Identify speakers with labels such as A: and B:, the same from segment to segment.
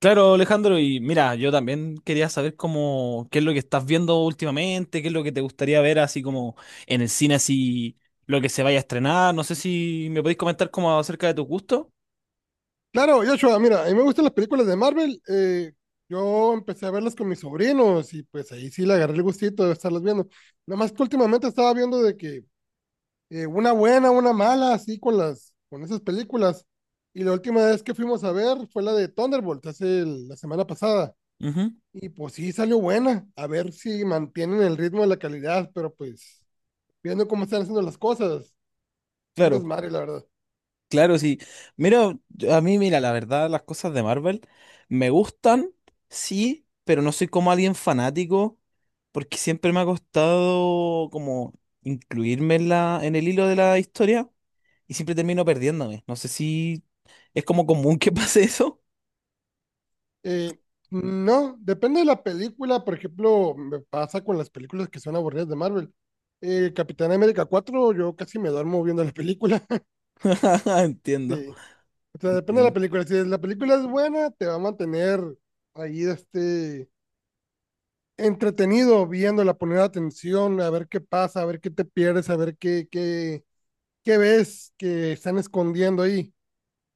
A: Claro, Alejandro, y mira, yo también quería saber cómo, qué es lo que estás viendo últimamente, qué es lo que te gustaría ver así como en el cine, así lo que se vaya a estrenar. No sé si me podéis comentar como acerca de tus gustos.
B: Claro, Joshua, mira, a mí me gustan las películas de Marvel. Yo empecé a verlas con mis sobrinos y pues ahí sí le agarré el gustito de estarlas viendo. Nada más que últimamente estaba viendo de que una buena, una mala, así con las, con esas películas. Y la última vez que fuimos a ver fue la de Thunderbolt, hace la semana pasada.
A: Ujú.
B: Y pues sí salió buena. A ver si mantienen el ritmo de la calidad, pero pues viendo cómo están haciendo las cosas, es un
A: Claro,
B: desmadre, la verdad.
A: claro, sí. Mira, a mí, mira, la verdad, las cosas de Marvel me gustan, sí, pero no soy como alguien fanático, porque siempre me ha costado como incluirme en el hilo de la historia. Y siempre termino perdiéndome. No sé si es como común que pase eso.
B: Eh, no, depende de la película. Por ejemplo, me pasa con las películas que son aburridas de Marvel. Capitán América 4 yo casi me duermo viendo la película.
A: Entiendo,
B: Sí. O sea, depende de la
A: entiendo.
B: película. Si la película es buena, te va a mantener ahí este, entretenido viéndola, poner atención, a ver qué pasa, a ver qué te pierdes, a ver qué, qué ves que están escondiendo ahí.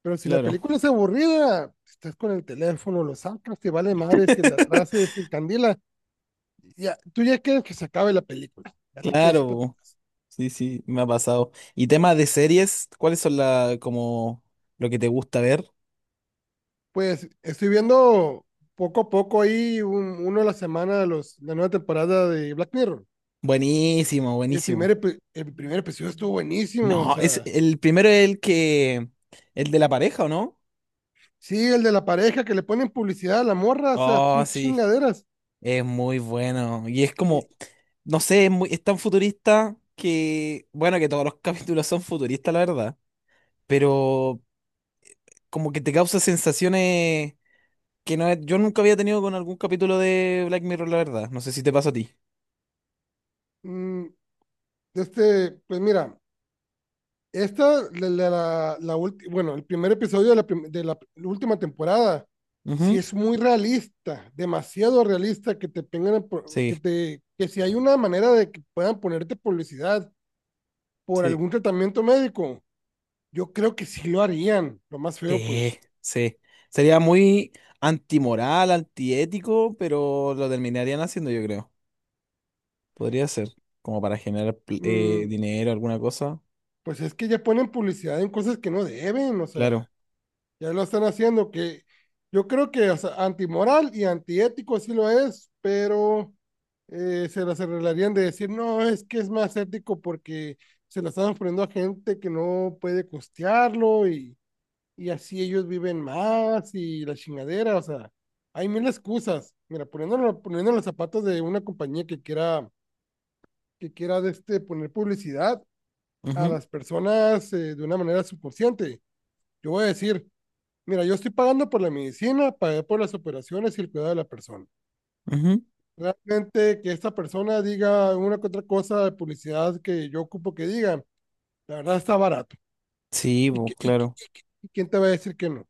B: Pero si la
A: Claro,
B: película es aburrida, estás con el teléfono, lo sacas, te vale madre, si el de atrás se encandila ya, tú ya quieres que se acabe la película. Ya te quieres ir para tu
A: claro.
B: casa.
A: Sí, sí, me ha pasado. Y tema de series, ¿cuáles son como lo que te gusta ver?
B: Pues estoy viendo poco a poco ahí uno a la semana de los, la nueva temporada de Black Mirror.
A: Buenísimo,
B: El primer,
A: buenísimo.
B: epi- el primer episodio estuvo buenísimo, o
A: No, es
B: sea,
A: el primero, es el que, el de la pareja, ¿o no?
B: sí, el de la pareja que le ponen publicidad a la morra, o sea,
A: Oh,
B: son
A: sí,
B: chingaderas.
A: es muy bueno. Y es
B: Y,
A: como, no sé, es tan futurista que, bueno, que todos los capítulos son futuristas, la verdad. Pero como que te causa sensaciones que no, yo nunca había tenido con algún capítulo de Black Mirror, la verdad. No sé si te pasa a ti.
B: mm, este, pues mira, Esta, la, la, la la ulti- bueno, el primer episodio de la, de la última temporada, sí
A: Ujú.
B: es muy realista, demasiado realista que te pongan, que
A: Sí,
B: te, que si hay una manera de que puedan ponerte publicidad por
A: sí,
B: algún tratamiento médico, yo creo que sí lo harían. Lo más feo,
A: sí,
B: pues,
A: sí. Sería muy antimoral, antiético, pero lo terminarían haciendo, yo creo. Podría ser, como para generar
B: mm,
A: dinero, alguna cosa.
B: pues es que ya ponen publicidad en cosas que no deben, o sea.
A: Claro.
B: Ya lo están haciendo, que yo creo que o sea, antimoral y antiético sí lo es, pero se las arreglarían de decir, no, es que es más ético porque se lo están ofreciendo a gente que no puede costearlo y así ellos viven más y la chingadera, o sea, hay mil excusas. Mira, poniéndolo, poniendo los zapatos de una compañía que quiera de este, poner publicidad a
A: Ujú,
B: las personas de una manera subconsciente. Yo voy a decir, mira, yo estoy pagando por la medicina, pagué por las operaciones y el cuidado de la persona.
A: ujú.
B: Realmente que esta persona diga una que otra cosa de publicidad que yo ocupo que diga, la verdad está barato.
A: Sí,
B: ¿Y,
A: pues
B: que- y que-
A: claro.
B: y que- y quién te va a decir que no?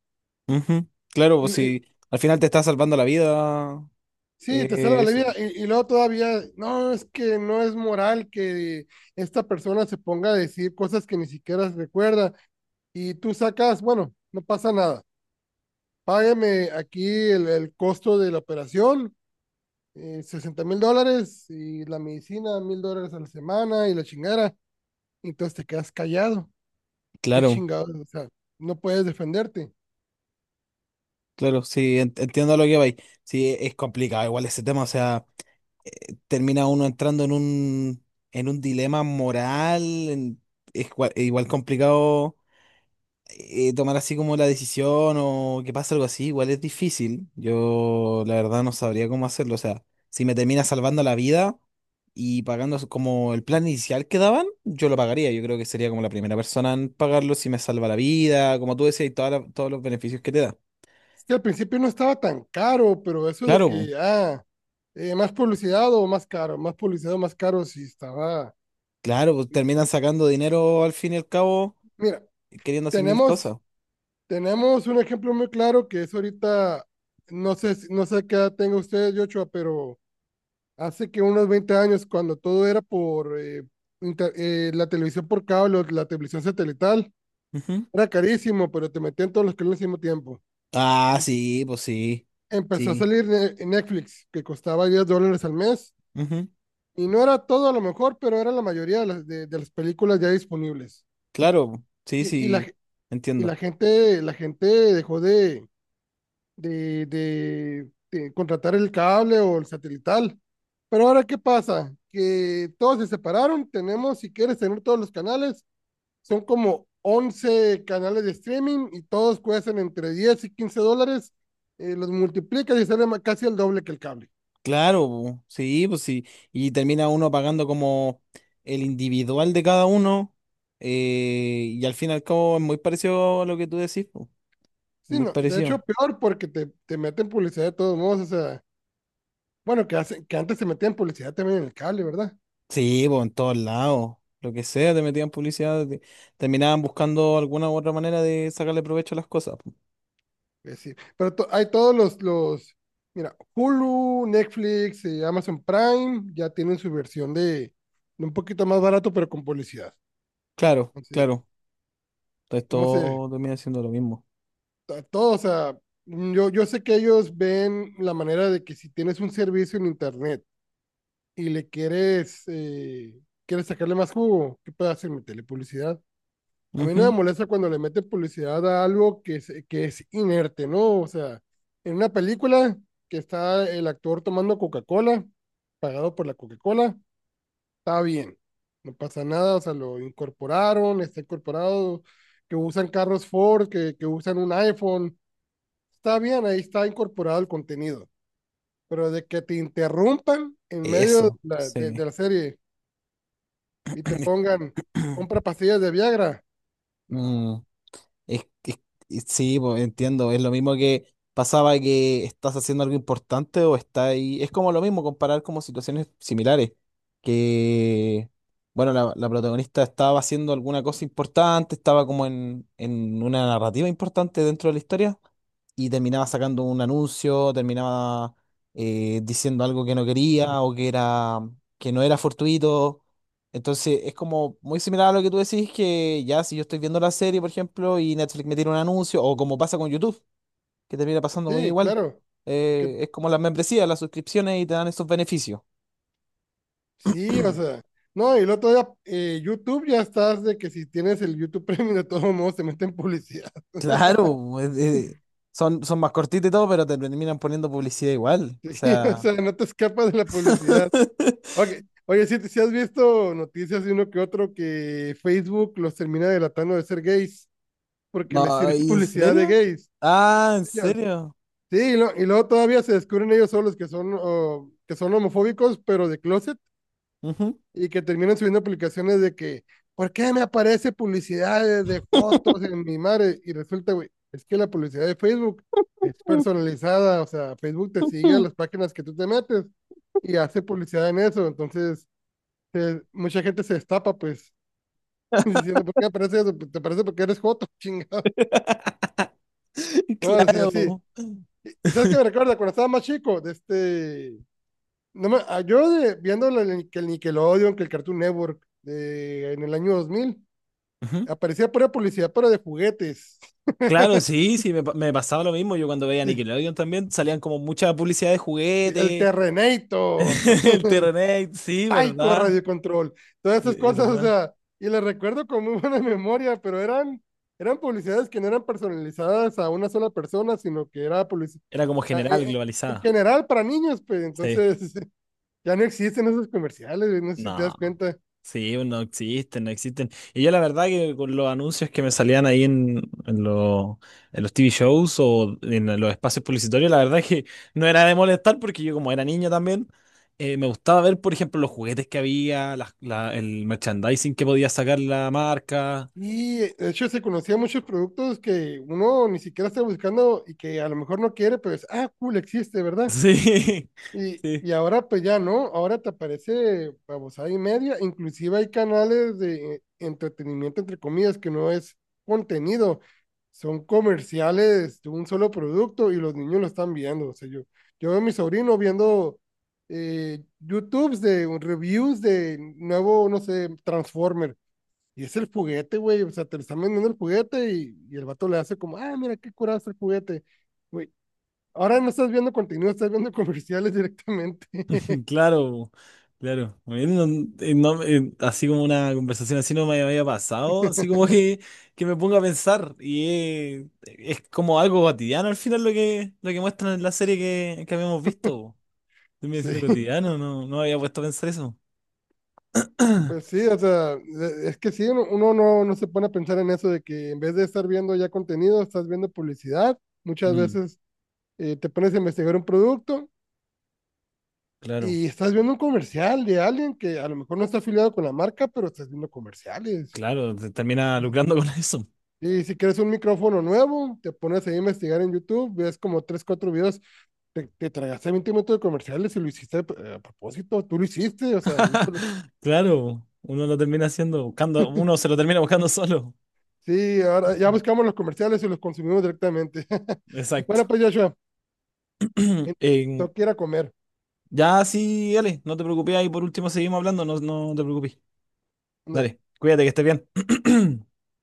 A: Ujú. Claro,
B: Y,
A: pues
B: le-
A: si al final te está salvando la vida,
B: sí, te salva la
A: eso.
B: vida. Y luego todavía, no, es que no es moral que esta persona se ponga a decir cosas que ni siquiera recuerda. Y tú sacas, bueno, no pasa nada. Págueme aquí el costo de la operación, 60 mil dólares y la medicina, $1,000 a la semana y la chingada. Entonces te quedas callado. Qué
A: Claro.
B: chingados, o sea, no puedes defenderte.
A: Claro, sí, entiendo lo que vais. Sí, es complicado igual ese tema, o sea, termina uno entrando en un dilema moral, es igual complicado tomar así como la decisión o que pasa algo así, igual es difícil. Yo la verdad no sabría cómo hacerlo, o sea, si me termina salvando la vida y pagando como el plan inicial que daban, yo lo pagaría, yo creo que sería como la primera persona en pagarlo si me salva la vida, como tú decías, y todos los beneficios que te da.
B: Es que al principio no estaba tan caro, pero eso de
A: Claro, po.
B: que, ah, más publicidad o más caro, más publicidad o más caro, sí estaba.
A: Claro, pues terminan sacando dinero al fin y al cabo,
B: Mira,
A: y queriendo hacer mil cosas.
B: tenemos, tenemos un ejemplo muy claro que es ahorita, no sé, no sé qué edad tenga usted, Yochoa, pero hace que unos 20 años, cuando todo era por la televisión por cable, o la televisión satelital,
A: Ujú.
B: era carísimo, pero te metían todos los canales al mismo tiempo.
A: Ah, sí, pues sí.
B: Empezó a
A: Sí.
B: salir Netflix, que costaba $10 al mes,
A: Ujú.
B: y no era todo a lo mejor, pero era la mayoría de las, de las películas ya disponibles.
A: Claro, sí,
B: Y, y la,
A: sí.
B: ge- y la
A: Entiendo.
B: gente, la gente dejó de contratar el cable o el satelital. Pero ahora, ¿qué pasa? Que todos se separaron, tenemos, si quieres tener todos los canales, son como 11 canales de streaming y todos cuestan entre 10 y 15 dólares. Los multiplicas y sale casi el doble que el cable.
A: Claro, po. Sí, pues sí. Y termina uno pagando como el individual de cada uno. Y al fin y al cabo es muy parecido a lo que tú decís, po. Es
B: Sí,
A: muy
B: no, de hecho
A: parecido.
B: peor porque te meten publicidad de todos modos, o sea, bueno, que, hacen, que antes se metían publicidad también en el cable, ¿verdad?
A: Sí, pues en todos lados. Lo que sea, te metían publicidad, terminaban buscando alguna u otra manera de sacarle provecho a las cosas, po.
B: Es decir, pero hay todos los, mira, Hulu, Netflix, Amazon Prime ya tienen su versión de, un poquito más barato, pero con publicidad.
A: Claro,
B: Entonces,
A: claro. Entonces
B: ¿cómo se,
A: todo termina siendo lo mismo.
B: a todo, o sea, yo sé que ellos ven la manera de que si tienes un servicio en internet y quieres sacarle más jugo, ¿qué puedes hacer? Meterle publicidad. A mí no me
A: Ujú.
B: molesta cuando le meten publicidad a algo que es inerte, ¿no? O sea, en una película que está el actor tomando Coca-Cola, pagado por la Coca-Cola, está bien, no pasa nada, o sea, lo incorporaron, está incorporado, que usan carros Ford, que usan un iPhone, está bien, ahí está incorporado el contenido, pero de que te interrumpan en medio de
A: Eso,
B: la, de-
A: sí.
B: de la serie y te pongan, compra pastillas de Viagra. No.
A: Mm, es, es- sí, pues, entiendo. Es lo mismo que pasaba que estás haciendo algo importante o está ahí. Es como lo mismo comparar como situaciones similares. Que, bueno, la protagonista estaba haciendo alguna cosa importante, estaba como en una narrativa importante dentro de la historia y terminaba sacando un anuncio, terminaba diciendo algo que no quería o que era, que no era fortuito. Entonces es como muy similar a lo que tú decís que ya si yo estoy viendo la serie, por ejemplo, y Netflix me tira un anuncio, o como pasa con YouTube, que termina pasando muy
B: Sí,
A: igual.
B: claro. Que,
A: Es como las membresías, las suscripciones y te dan esos beneficios.
B: sí, o sea. No, y el otro día, YouTube ya estás de que si tienes el YouTube Premium, de todos modos te meten publicidad.
A: Claro, son más cortitos y todo, pero te terminan poniendo publicidad igual. O
B: Sí, o
A: sea,
B: sea, no te escapas de la publicidad. Ok. Oye, si has visto noticias de uno que otro que Facebook los termina delatando de ser gays porque les
A: no,
B: sirve
A: ¿y en
B: publicidad de
A: serio?
B: gays.
A: Ah, ¿en
B: Ya.
A: serio?
B: Sí, y luego todavía se descubren ellos solos que son, oh, que son homofóbicos, pero de closet,
A: Ujú.
B: y que terminan subiendo publicaciones de que, ¿por qué me aparece publicidad de fotos en mi madre? Y resulta, güey, es que la publicidad de Facebook es personalizada, o sea, Facebook te sigue a las páginas que tú te metes y hace publicidad en eso, entonces mucha gente se destapa, pues, diciendo, ¿por qué aparece eso? Pues, te aparece porque eres joto, chingado. No, así, así.
A: Claro.
B: ¿Y sabes qué me recuerda? Cuando estaba más chico, de este No me- ah, viendo el Nickelodeon, que el Cartoon Network, de, en el año 2000
A: Ujú.
B: aparecía pura publicidad, pero de juguetes.
A: Claro, sí, sí, me pasaba lo mismo. Yo cuando veía Nickelodeon también salían como mucha publicidad de
B: El
A: juguete,
B: Terrenator,
A: el Terrenex, sí,
B: Taiko
A: ¿verdad?
B: Radio Control, todas esas cosas, o
A: ¿Verdad?
B: sea, y las recuerdo con muy buena memoria, pero eran publicidades que no eran personalizadas a una sola persona, sino que era publicidad
A: Era como general,
B: en
A: globalizada.
B: general para niños, pues
A: Sí.
B: entonces ya no existen esos comerciales, güey, no sé si te
A: No.
B: das cuenta.
A: Sí, pues no existen, no existen. Y yo la verdad que con los anuncios que me salían ahí en los, en los TV shows o en los espacios publicitarios, la verdad que no era de molestar porque yo como era niño también, me gustaba ver, por ejemplo, los juguetes que había, el merchandising que podía sacar la marca.
B: Y de hecho se conocía muchos productos que uno ni siquiera está buscando y que a lo mejor no quiere, pero es, ah, cool, existe, ¿verdad?
A: Sí,
B: Y,
A: sí.
B: y ahora pues ya no, ahora te aparece babosada y media, inclusive hay canales de entretenimiento, entre comillas, que no es contenido, son comerciales de un solo producto y los niños lo están viendo, o sea, yo veo a mi sobrino viendo YouTubes de reviews de nuevo, no sé, Transformer y es el juguete, güey. O sea, te lo están vendiendo el juguete y el vato le hace como, ah, mira, qué curado es el juguete. Güey, ahora no estás viendo contenido, estás viendo comerciales directamente.
A: Claro, claro. A mí no, así como una conversación así no me había pasado, así como que me ponga a pensar. Y es como algo cotidiano al final lo que muestran en la serie que habíamos visto, po. Termina
B: Sí,
A: siendo cotidiano, no, no había puesto a pensar eso.
B: pues sí, o sea, es que sí, uno no se pone a pensar en eso de que en vez de estar viendo ya contenido, estás viendo publicidad. Muchas
A: Mm,
B: veces te pones a investigar un producto
A: claro,
B: y estás viendo un comercial de alguien que a lo mejor no está afiliado con la marca, pero estás viendo comerciales.
A: claro, te termina lucrando con eso.
B: Y si quieres un micrófono nuevo, te pones ahí a investigar en YouTube, ves como tres, cuatro videos, te tragaste 20 minutos de comerciales y lo hiciste, a propósito, tú lo hiciste, o sea, no te lo-
A: Claro, uno lo termina haciendo, buscando, uno se lo termina buscando solo.
B: Sí, ahora ya buscamos los comerciales y los consumimos directamente. Bueno,
A: Exacto.
B: pues Joshua, eh,
A: En-
B: tengo que ir a comer.
A: Ya, sí, dale, no te preocupes ahí, por último seguimos hablando, no, no te preocupes.
B: Ándale.
A: Dale, cuídate que estés bien.